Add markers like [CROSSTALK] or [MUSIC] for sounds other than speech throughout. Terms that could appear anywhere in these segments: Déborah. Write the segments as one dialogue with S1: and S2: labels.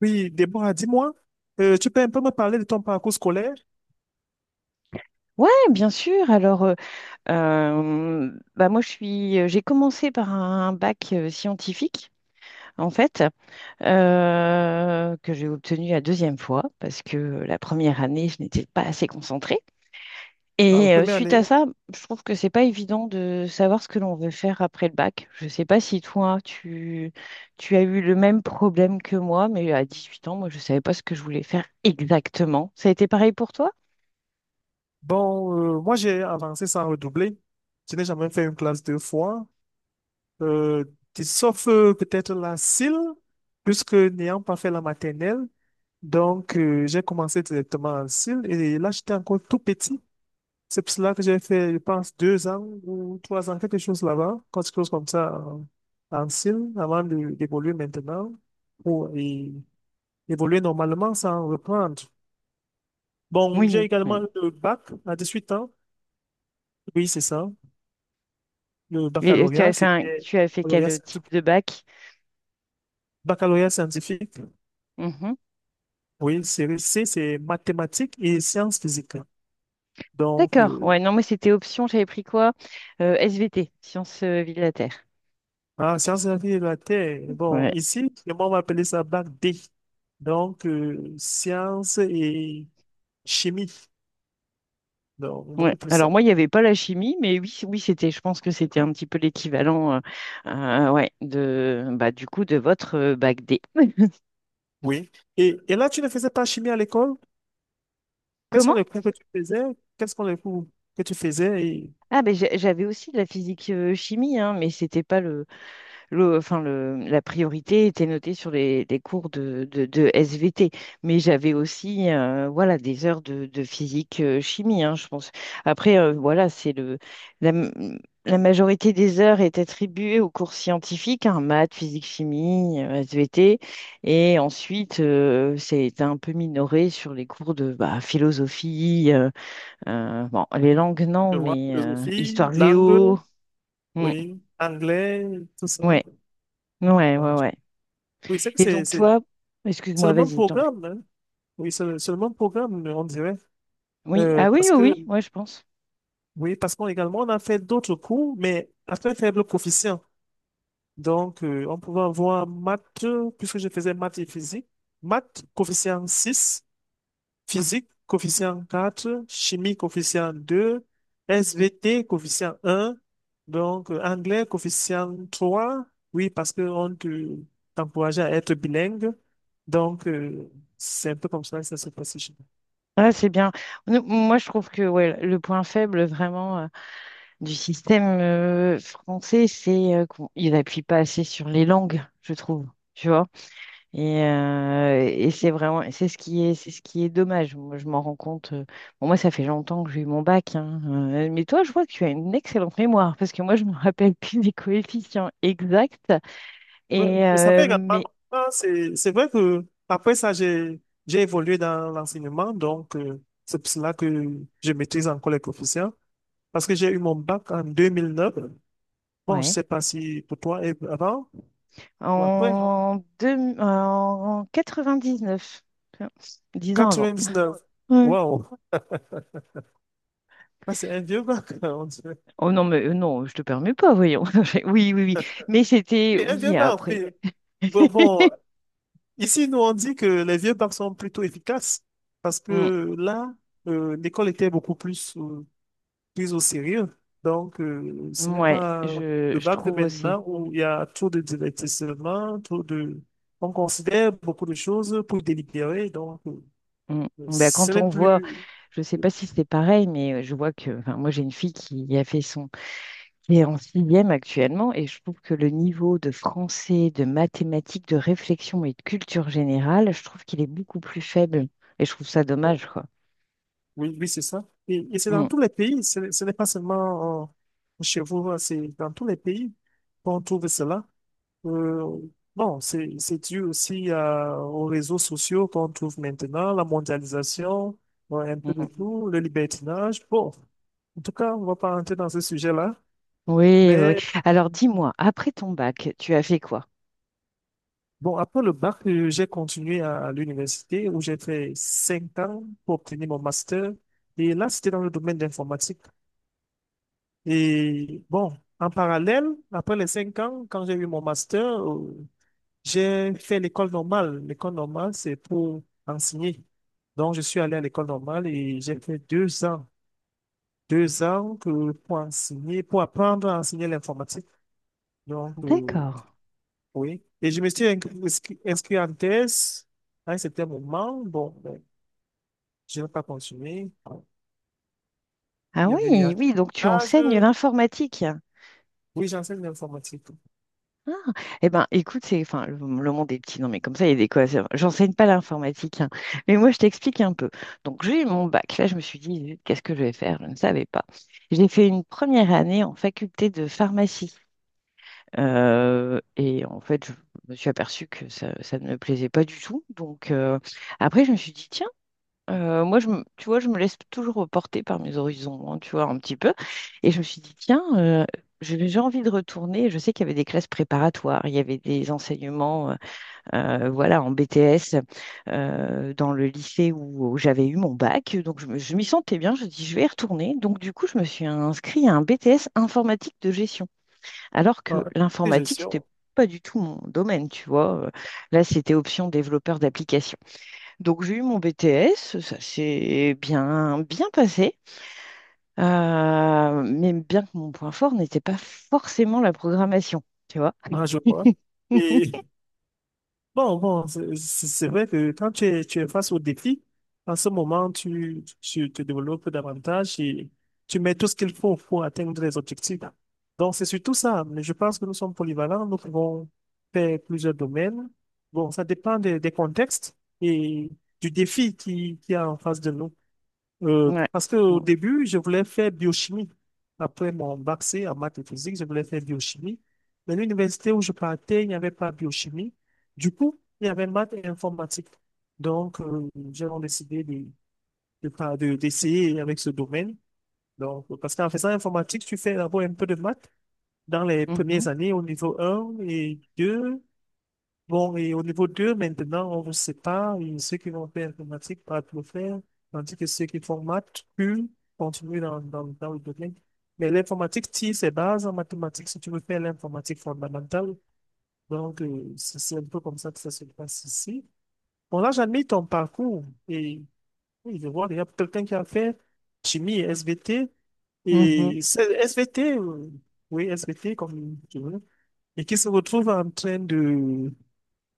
S1: Oui, Déborah, dis-moi, tu peux un peu me parler de ton parcours scolaire?
S2: Ouais, bien sûr. Alors, bah moi, j'ai commencé par un bac scientifique, en fait, que j'ai obtenu la deuxième fois parce que la première année, je n'étais pas assez concentrée.
S1: En la
S2: Et
S1: première
S2: suite à
S1: année,
S2: ça, je trouve que c'est pas évident de savoir ce que l'on veut faire après le bac. Je sais pas si toi, tu as eu le même problème que moi, mais à 18 ans, moi, je savais pas ce que je voulais faire exactement. Ça a été pareil pour toi?
S1: bon, moi j'ai avancé sans redoubler. Je n'ai jamais fait une classe deux fois. Euh, Sauf peut-être la cile, puisque n'ayant pas fait la maternelle, donc j'ai commencé directement en cile et là j'étais encore tout petit. C'est pour cela que j'ai fait, je pense, deux ans ou trois ans, quelque chose là-bas, quelque chose comme ça en, en cile, d'évoluer maintenant pour et évoluer normalement sans reprendre. Bon, j'ai
S2: Oui, oui.
S1: également eu le bac à 18 ans. Oui, c'est ça. Le
S2: Et
S1: baccalauréat, c'était
S2: tu as fait quel
S1: baccalauréat
S2: type
S1: scientifique.
S2: de bac?
S1: Baccalauréat scientifique.
S2: Mhm.
S1: Oui, série C, c'est mathématiques et sciences physiques. Donc,
S2: D'accord. Ouais, non, moi c'était option, j'avais pris quoi? SVT, sciences vie de la Terre.
S1: ah, sciences de la vie et de la Terre. Bon,
S2: Ouais.
S1: ici, moi, on va appeler ça bac D. Donc, sciences et chimie. Donc,
S2: Ouais.
S1: beaucoup plus
S2: Alors
S1: ça.
S2: moi, il n'y avait pas la chimie, mais oui, oui, c'était, je pense que c'était un petit peu l'équivalent ouais, de bah du coup de votre bac D. [LAUGHS]
S1: Oui. Et là, tu ne faisais pas chimie à l'école? Quels sont
S2: Comment?
S1: les cours que tu faisais? Quels sont les cours que tu faisais? Et,
S2: Ah ben j'avais aussi de la physique chimie, hein, mais c'était pas la priorité était notée sur les cours de SVT, mais j'avais aussi voilà des heures de physique chimie, hein, je pense. Après, voilà, c'est la, m- la majorité des heures est attribuée aux cours scientifiques, hein, maths, physique, chimie, SVT, et ensuite c'est un peu minoré sur les cours de bah, philosophie, bon, les langues non,
S1: je vois,
S2: mais
S1: philosophie,
S2: histoire géo.
S1: langue,
S2: Mm.
S1: oui, anglais, tout ça.
S2: Ouais, ouais,
S1: Ah,
S2: ouais, ouais.
S1: oui, c'est que
S2: Et donc toi,
S1: c'est
S2: excuse-moi,
S1: le même
S2: vas-y, je t'en prie.
S1: programme, hein. Oui, c'est le même programme, on dirait.
S2: Oui,
S1: Euh,
S2: ah oui,
S1: parce
S2: oui,
S1: que,
S2: oui, moi je pense.
S1: oui, parce qu'on également, on a fait d'autres cours, mais à très faible coefficient. Donc, on pouvait avoir maths, puisque je faisais maths et physique, maths coefficient 6, physique coefficient 4, chimie coefficient 2, SVT coefficient 1, donc anglais coefficient 3, oui, parce qu'on t'encourageait à être bilingue. Donc, c'est un peu comme ça que ça se passe.
S2: Ah, c'est bien. Moi, je trouve que ouais, le point faible vraiment du système français, c'est qu'il n'appuie pas assez sur les langues, je trouve. Tu vois? Et c'est vraiment, c'est ce qui est dommage. Moi, je m'en rends compte. Bon, moi, ça fait longtemps que j'ai eu mon bac, hein, mais toi, je vois que tu as une excellente mémoire parce que moi, je me rappelle plus des coefficients exacts.
S1: Oui,
S2: Et
S1: mais ça fait également
S2: mais
S1: longtemps. C'est vrai que après ça, j'ai évolué dans l'enseignement. Donc, c'est pour cela que je maîtrise encore les coefficients. Parce que j'ai eu mon bac en 2009. Bon, je
S2: ouais.
S1: sais pas si pour toi et avant ou après.
S2: En 99, tiens, 10 ans avant.
S1: 99.
S2: Ouais.
S1: Wow. Ça, c'est un vieux bac, [LAUGHS] on dirait.
S2: Oh non, mais non, je te permets pas, voyons. [LAUGHS] Oui, oui, oui. Mais c'était,
S1: Oui, un vieux
S2: oui,
S1: bac,
S2: après.
S1: oui. Bon, bon,
S2: [LAUGHS]
S1: ici, nous, on dit que les vieux bacs sont plutôt efficaces. Parce
S2: Mm,
S1: que là, l'école était beaucoup plus, prise au sérieux. Donc, ce n'est
S2: ouais,
S1: pas
S2: je,
S1: le
S2: je
S1: bac de
S2: trouve aussi.
S1: maintenant où il y a trop de divertissement, trop de… On considère beaucoup de choses pour délibérer, donc
S2: Mm. Ben,
S1: ce
S2: quand
S1: n'est
S2: on voit,
S1: plus…
S2: je sais pas si c'est pareil, mais je vois que, enfin, moi j'ai une fille qui a fait son, qui est en sixième actuellement, et je trouve que le niveau de français, de mathématiques, de réflexion et de culture générale, je trouve qu'il est beaucoup plus faible. Et je trouve ça
S1: Oh,
S2: dommage, quoi.
S1: oui, oui, c'est ça. Et c'est dans
S2: Mm,
S1: tous les pays, n'est ce n'est pas seulement chez vous, hein, c'est dans tous les pays qu'on trouve cela. Euh, bon, c'est dû aussi aux réseaux sociaux qu'on trouve maintenant, la mondialisation, ouais, un peu de
S2: mm.
S1: tout, le libertinage. Bon, en tout cas, on va pas rentrer dans ce sujet-là.
S2: Oui, oui, oui.
S1: Mais
S2: Alors dis-moi, après ton bac, tu as fait quoi?
S1: bon, après le bac, j'ai continué à l'université où j'ai fait 5 ans pour obtenir mon master. Et là, c'était dans le domaine d'informatique. Et bon, en parallèle, après les 5 ans, quand j'ai eu mon master, j'ai fait l'école normale. L'école normale, c'est pour enseigner. Donc, je suis allé à l'école normale et j'ai fait 2 ans. Pour enseigner, pour apprendre à enseigner l'informatique. Donc,
S2: D'accord.
S1: oui. Et je me suis inscrit en thèse à un certain moment. Bon, ben, je n'ai pas continué.
S2: Ah
S1: Il y avait des
S2: oui, oui, donc tu
S1: arbitrages.
S2: enseignes l'informatique.
S1: Oui, j'enseigne l'informatique.
S2: Ah, eh ben, écoute, c'est, enfin, le monde est petit, non, mais comme ça, il y a des quoi. J'enseigne pas l'informatique, hein. Mais moi, je t'explique un peu. Donc, j'ai eu mon bac. Là, je me suis dit, zut, qu'est-ce que je vais faire? Je ne savais pas. J'ai fait une première année en faculté de pharmacie. Et en fait, je me suis aperçue que ça ne me plaisait pas du tout. Donc, après, je me suis dit, moi, tu vois, je me laisse toujours porter par mes horizons, hein, tu vois, un petit peu. Et je me suis dit, tiens, j'ai envie de retourner. Je sais qu'il y avait des classes préparatoires, il y avait des enseignements, voilà, en BTS, dans le lycée où j'avais eu mon bac. Donc, je m'y sentais bien. Je dis, je vais y retourner. Donc, du coup, je me suis inscrite à un BTS informatique de gestion, alors
S1: Ah,
S2: que
S1: et je
S2: l'informatique,
S1: suis
S2: c'était
S1: en
S2: pas du tout mon domaine, tu vois. Là, c'était option développeur d'applications. Donc j'ai eu mon BTS, ça s'est bien passé. Mais bien que mon point fort n'était pas forcément la programmation, tu vois.
S1: en joueur.
S2: [LAUGHS]
S1: Bon, bon, c'est vrai que quand tu es face au défi, en ce moment, tu te développes davantage et tu mets tout ce qu'il faut pour atteindre les objectifs. Donc, c'est surtout ça. Mais je pense que nous sommes polyvalents, nous pouvons faire plusieurs domaines. Bon, ça dépend des contextes et du défi qui est en face de nous.
S2: Ouais.
S1: Parce qu'au
S2: Mm.
S1: début, je voulais faire biochimie. Après mon bac C en maths et physique, je voulais faire biochimie. Mais l'université où je partais, il n'y avait pas biochimie. Du coup, il y avait maths et informatique. Donc, j'ai donc décidé d'essayer avec ce domaine. Donc, parce qu'en faisant informatique, tu fais d'abord un peu de maths dans les premières années au niveau 1 et 2. Bon, et au niveau 2 maintenant, on vous sépare. Et ceux qui vont faire informatique peuvent le faire, tandis que ceux qui font maths, eux, continuent dans le domaine. Mais l'informatique tire ses bases en mathématiques si tu veux faire l'informatique fondamentale. Donc, c'est un peu comme ça que ça se passe ici. Bon, là, j'admire ton parcours. Et oui, je vois, il y a quelqu'un qui a fait chimie, SVT,
S2: Mhm. Mhm.
S1: et c'est SVT, oui, SVT, comme tu veux, et qui se retrouve en train de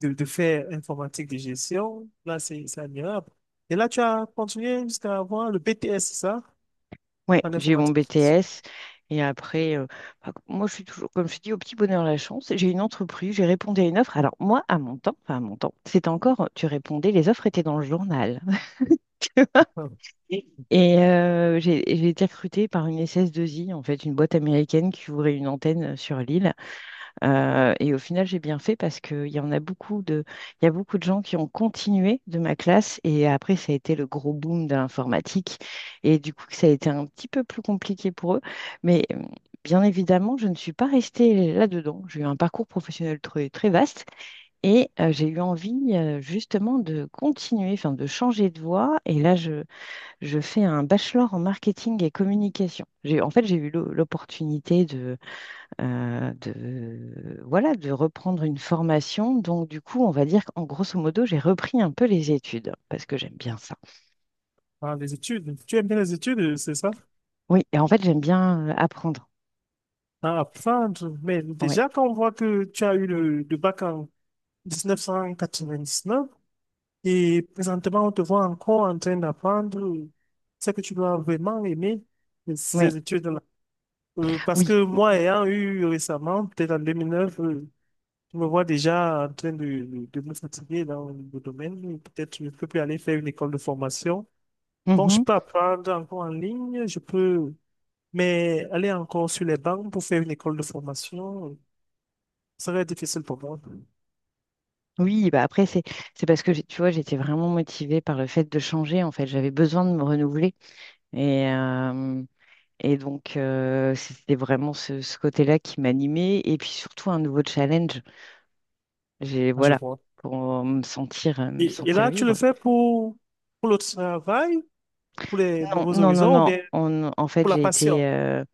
S1: de faire informatique de gestion. Là, c'est admirable. Et là, tu as continué jusqu'à avoir le BTS, c'est ça?
S2: Ouais,
S1: En
S2: j'ai eu mon
S1: informatique.
S2: BTS et après, bah, moi je suis toujours, comme je dis, au petit bonheur la chance. J'ai une entreprise, j'ai répondu à une offre. Alors moi, à mon temps, enfin à mon temps, c'était encore, tu répondais, les offres étaient dans le journal.
S1: Ah.
S2: [LAUGHS] Et j'ai été recrutée par une SS2I, en fait, une boîte américaine qui ouvrait une antenne sur l'île. Et au final, j'ai bien fait parce qu'il y en a il y a beaucoup de gens qui ont continué de ma classe et après, ça a été le gros boom de l'informatique et du coup, ça a été un petit peu plus compliqué pour eux. Mais bien évidemment, je ne suis pas restée là-dedans. J'ai eu un parcours professionnel très, très vaste et j'ai eu envie justement de continuer, enfin de changer de voie. Et là, je fais un bachelor en marketing et communication. En fait, j'ai eu l'opportunité voilà, de reprendre une formation. Donc, du coup, on va dire qu'en grosso modo, j'ai repris un peu les études parce que j'aime bien ça.
S1: Ah, les études. Tu aimes bien les études, c'est ça?
S2: Oui, et en fait, j'aime bien apprendre.
S1: À apprendre. Mais
S2: Ouais,
S1: déjà, quand on voit que tu as eu le bac en 1999 et présentement, on te voit encore en train d'apprendre, c'est que tu dois vraiment aimer
S2: ouais,
S1: ces études-là. Parce
S2: oui.
S1: que moi, ayant eu récemment, peut-être en 2009, je me vois déjà en train de me fatiguer dans le domaine. Peut-être je ne peux plus aller faire une école de formation. Bon, je
S2: Mhm.
S1: peux apprendre encore en ligne, je peux, mais aller encore sur les bancs pour faire une école de formation. Ça va être difficile pour moi.
S2: Oui, bah après, c'est parce que, tu vois, j'étais vraiment motivée par le fait de changer. En fait, j'avais besoin de me renouveler. Et, euh, et donc, c'était vraiment ce côté-là qui m'animait. Et puis, surtout, un nouveau challenge. J'ai,
S1: Ah, je
S2: voilà,
S1: vois.
S2: pour me
S1: Et
S2: sentir
S1: là, tu le
S2: vivre.
S1: fais pour le travail, pour les
S2: Non,
S1: nouveaux
S2: non, non,
S1: horizons ou
S2: non.
S1: bien
S2: En fait,
S1: pour la passion?
S2: euh,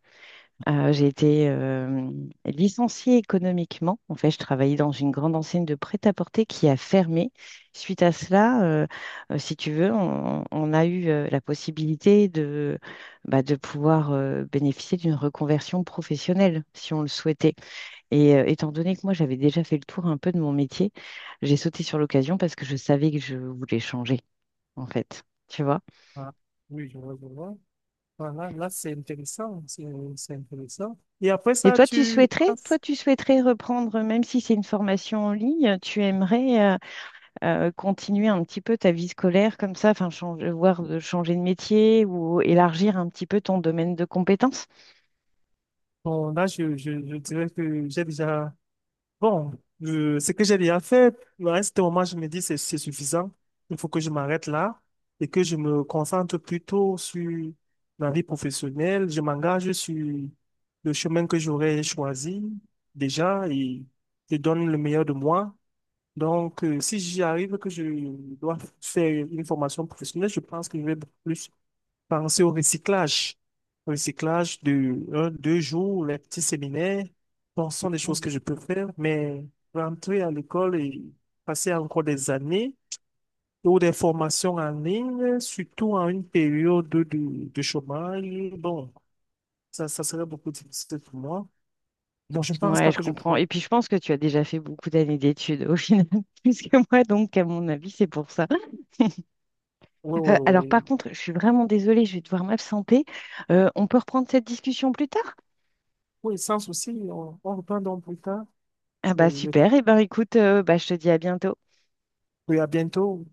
S2: euh, j'ai été licenciée économiquement. En fait, je travaillais dans une grande enseigne de prêt-à-porter qui a fermé. Suite à cela, si tu veux, on a eu la possibilité bah, de pouvoir bénéficier d'une reconversion professionnelle, si on le souhaitait. Et étant donné que moi, j'avais déjà fait le tour un peu de mon métier, j'ai sauté sur l'occasion parce que je savais que je voulais changer, en fait. Tu vois?
S1: Ah, oui, je vois, je vois. Voilà, là, c'est intéressant, c'est intéressant. Et après
S2: Et
S1: ça, tu
S2: toi,
S1: passes.
S2: tu souhaiterais reprendre, même si c'est une formation en ligne, tu aimerais continuer un petit peu ta vie scolaire comme ça, enfin, changer, voir de changer de métier ou élargir un petit peu ton domaine de compétences?
S1: Bon, là, je dirais que j'ai déjà. Bon, ce que j'ai déjà fait, à ce moment, je me dis c'est suffisant. Il faut que je m'arrête là et que je me concentre plutôt sur ma vie professionnelle. Je m'engage sur le chemin que j'aurais choisi déjà et je donne le meilleur de moi. Donc, si j'y arrive que je dois faire une formation professionnelle, je pense que je vais beaucoup plus penser au recyclage. Recyclage de un, deux jours, les petits séminaires. Bon, ce sont des choses
S2: Mhm.
S1: que je peux faire, mais rentrer à l'école et passer encore des années ou des formations en ligne, surtout en une période de chômage, bon, ça serait beaucoup difficile pour moi. Donc, je ne pense
S2: Ouais,
S1: pas
S2: je
S1: que je
S2: comprends. Et
S1: pourrais.
S2: puis, je pense que tu as déjà fait beaucoup d'années d'études au final, [LAUGHS] plus que moi, donc à mon avis, c'est pour ça.
S1: Oui, oui,
S2: Alors, par
S1: oui.
S2: contre, je suis vraiment désolée, je vais devoir m'absenter. On peut reprendre cette discussion plus tard?
S1: Oui, sans souci, on reprend donc plus tard.
S2: Ah bah
S1: Oui, le
S2: super. Et ben, écoute, bah, je te dis à bientôt.
S1: Oui, à bientôt.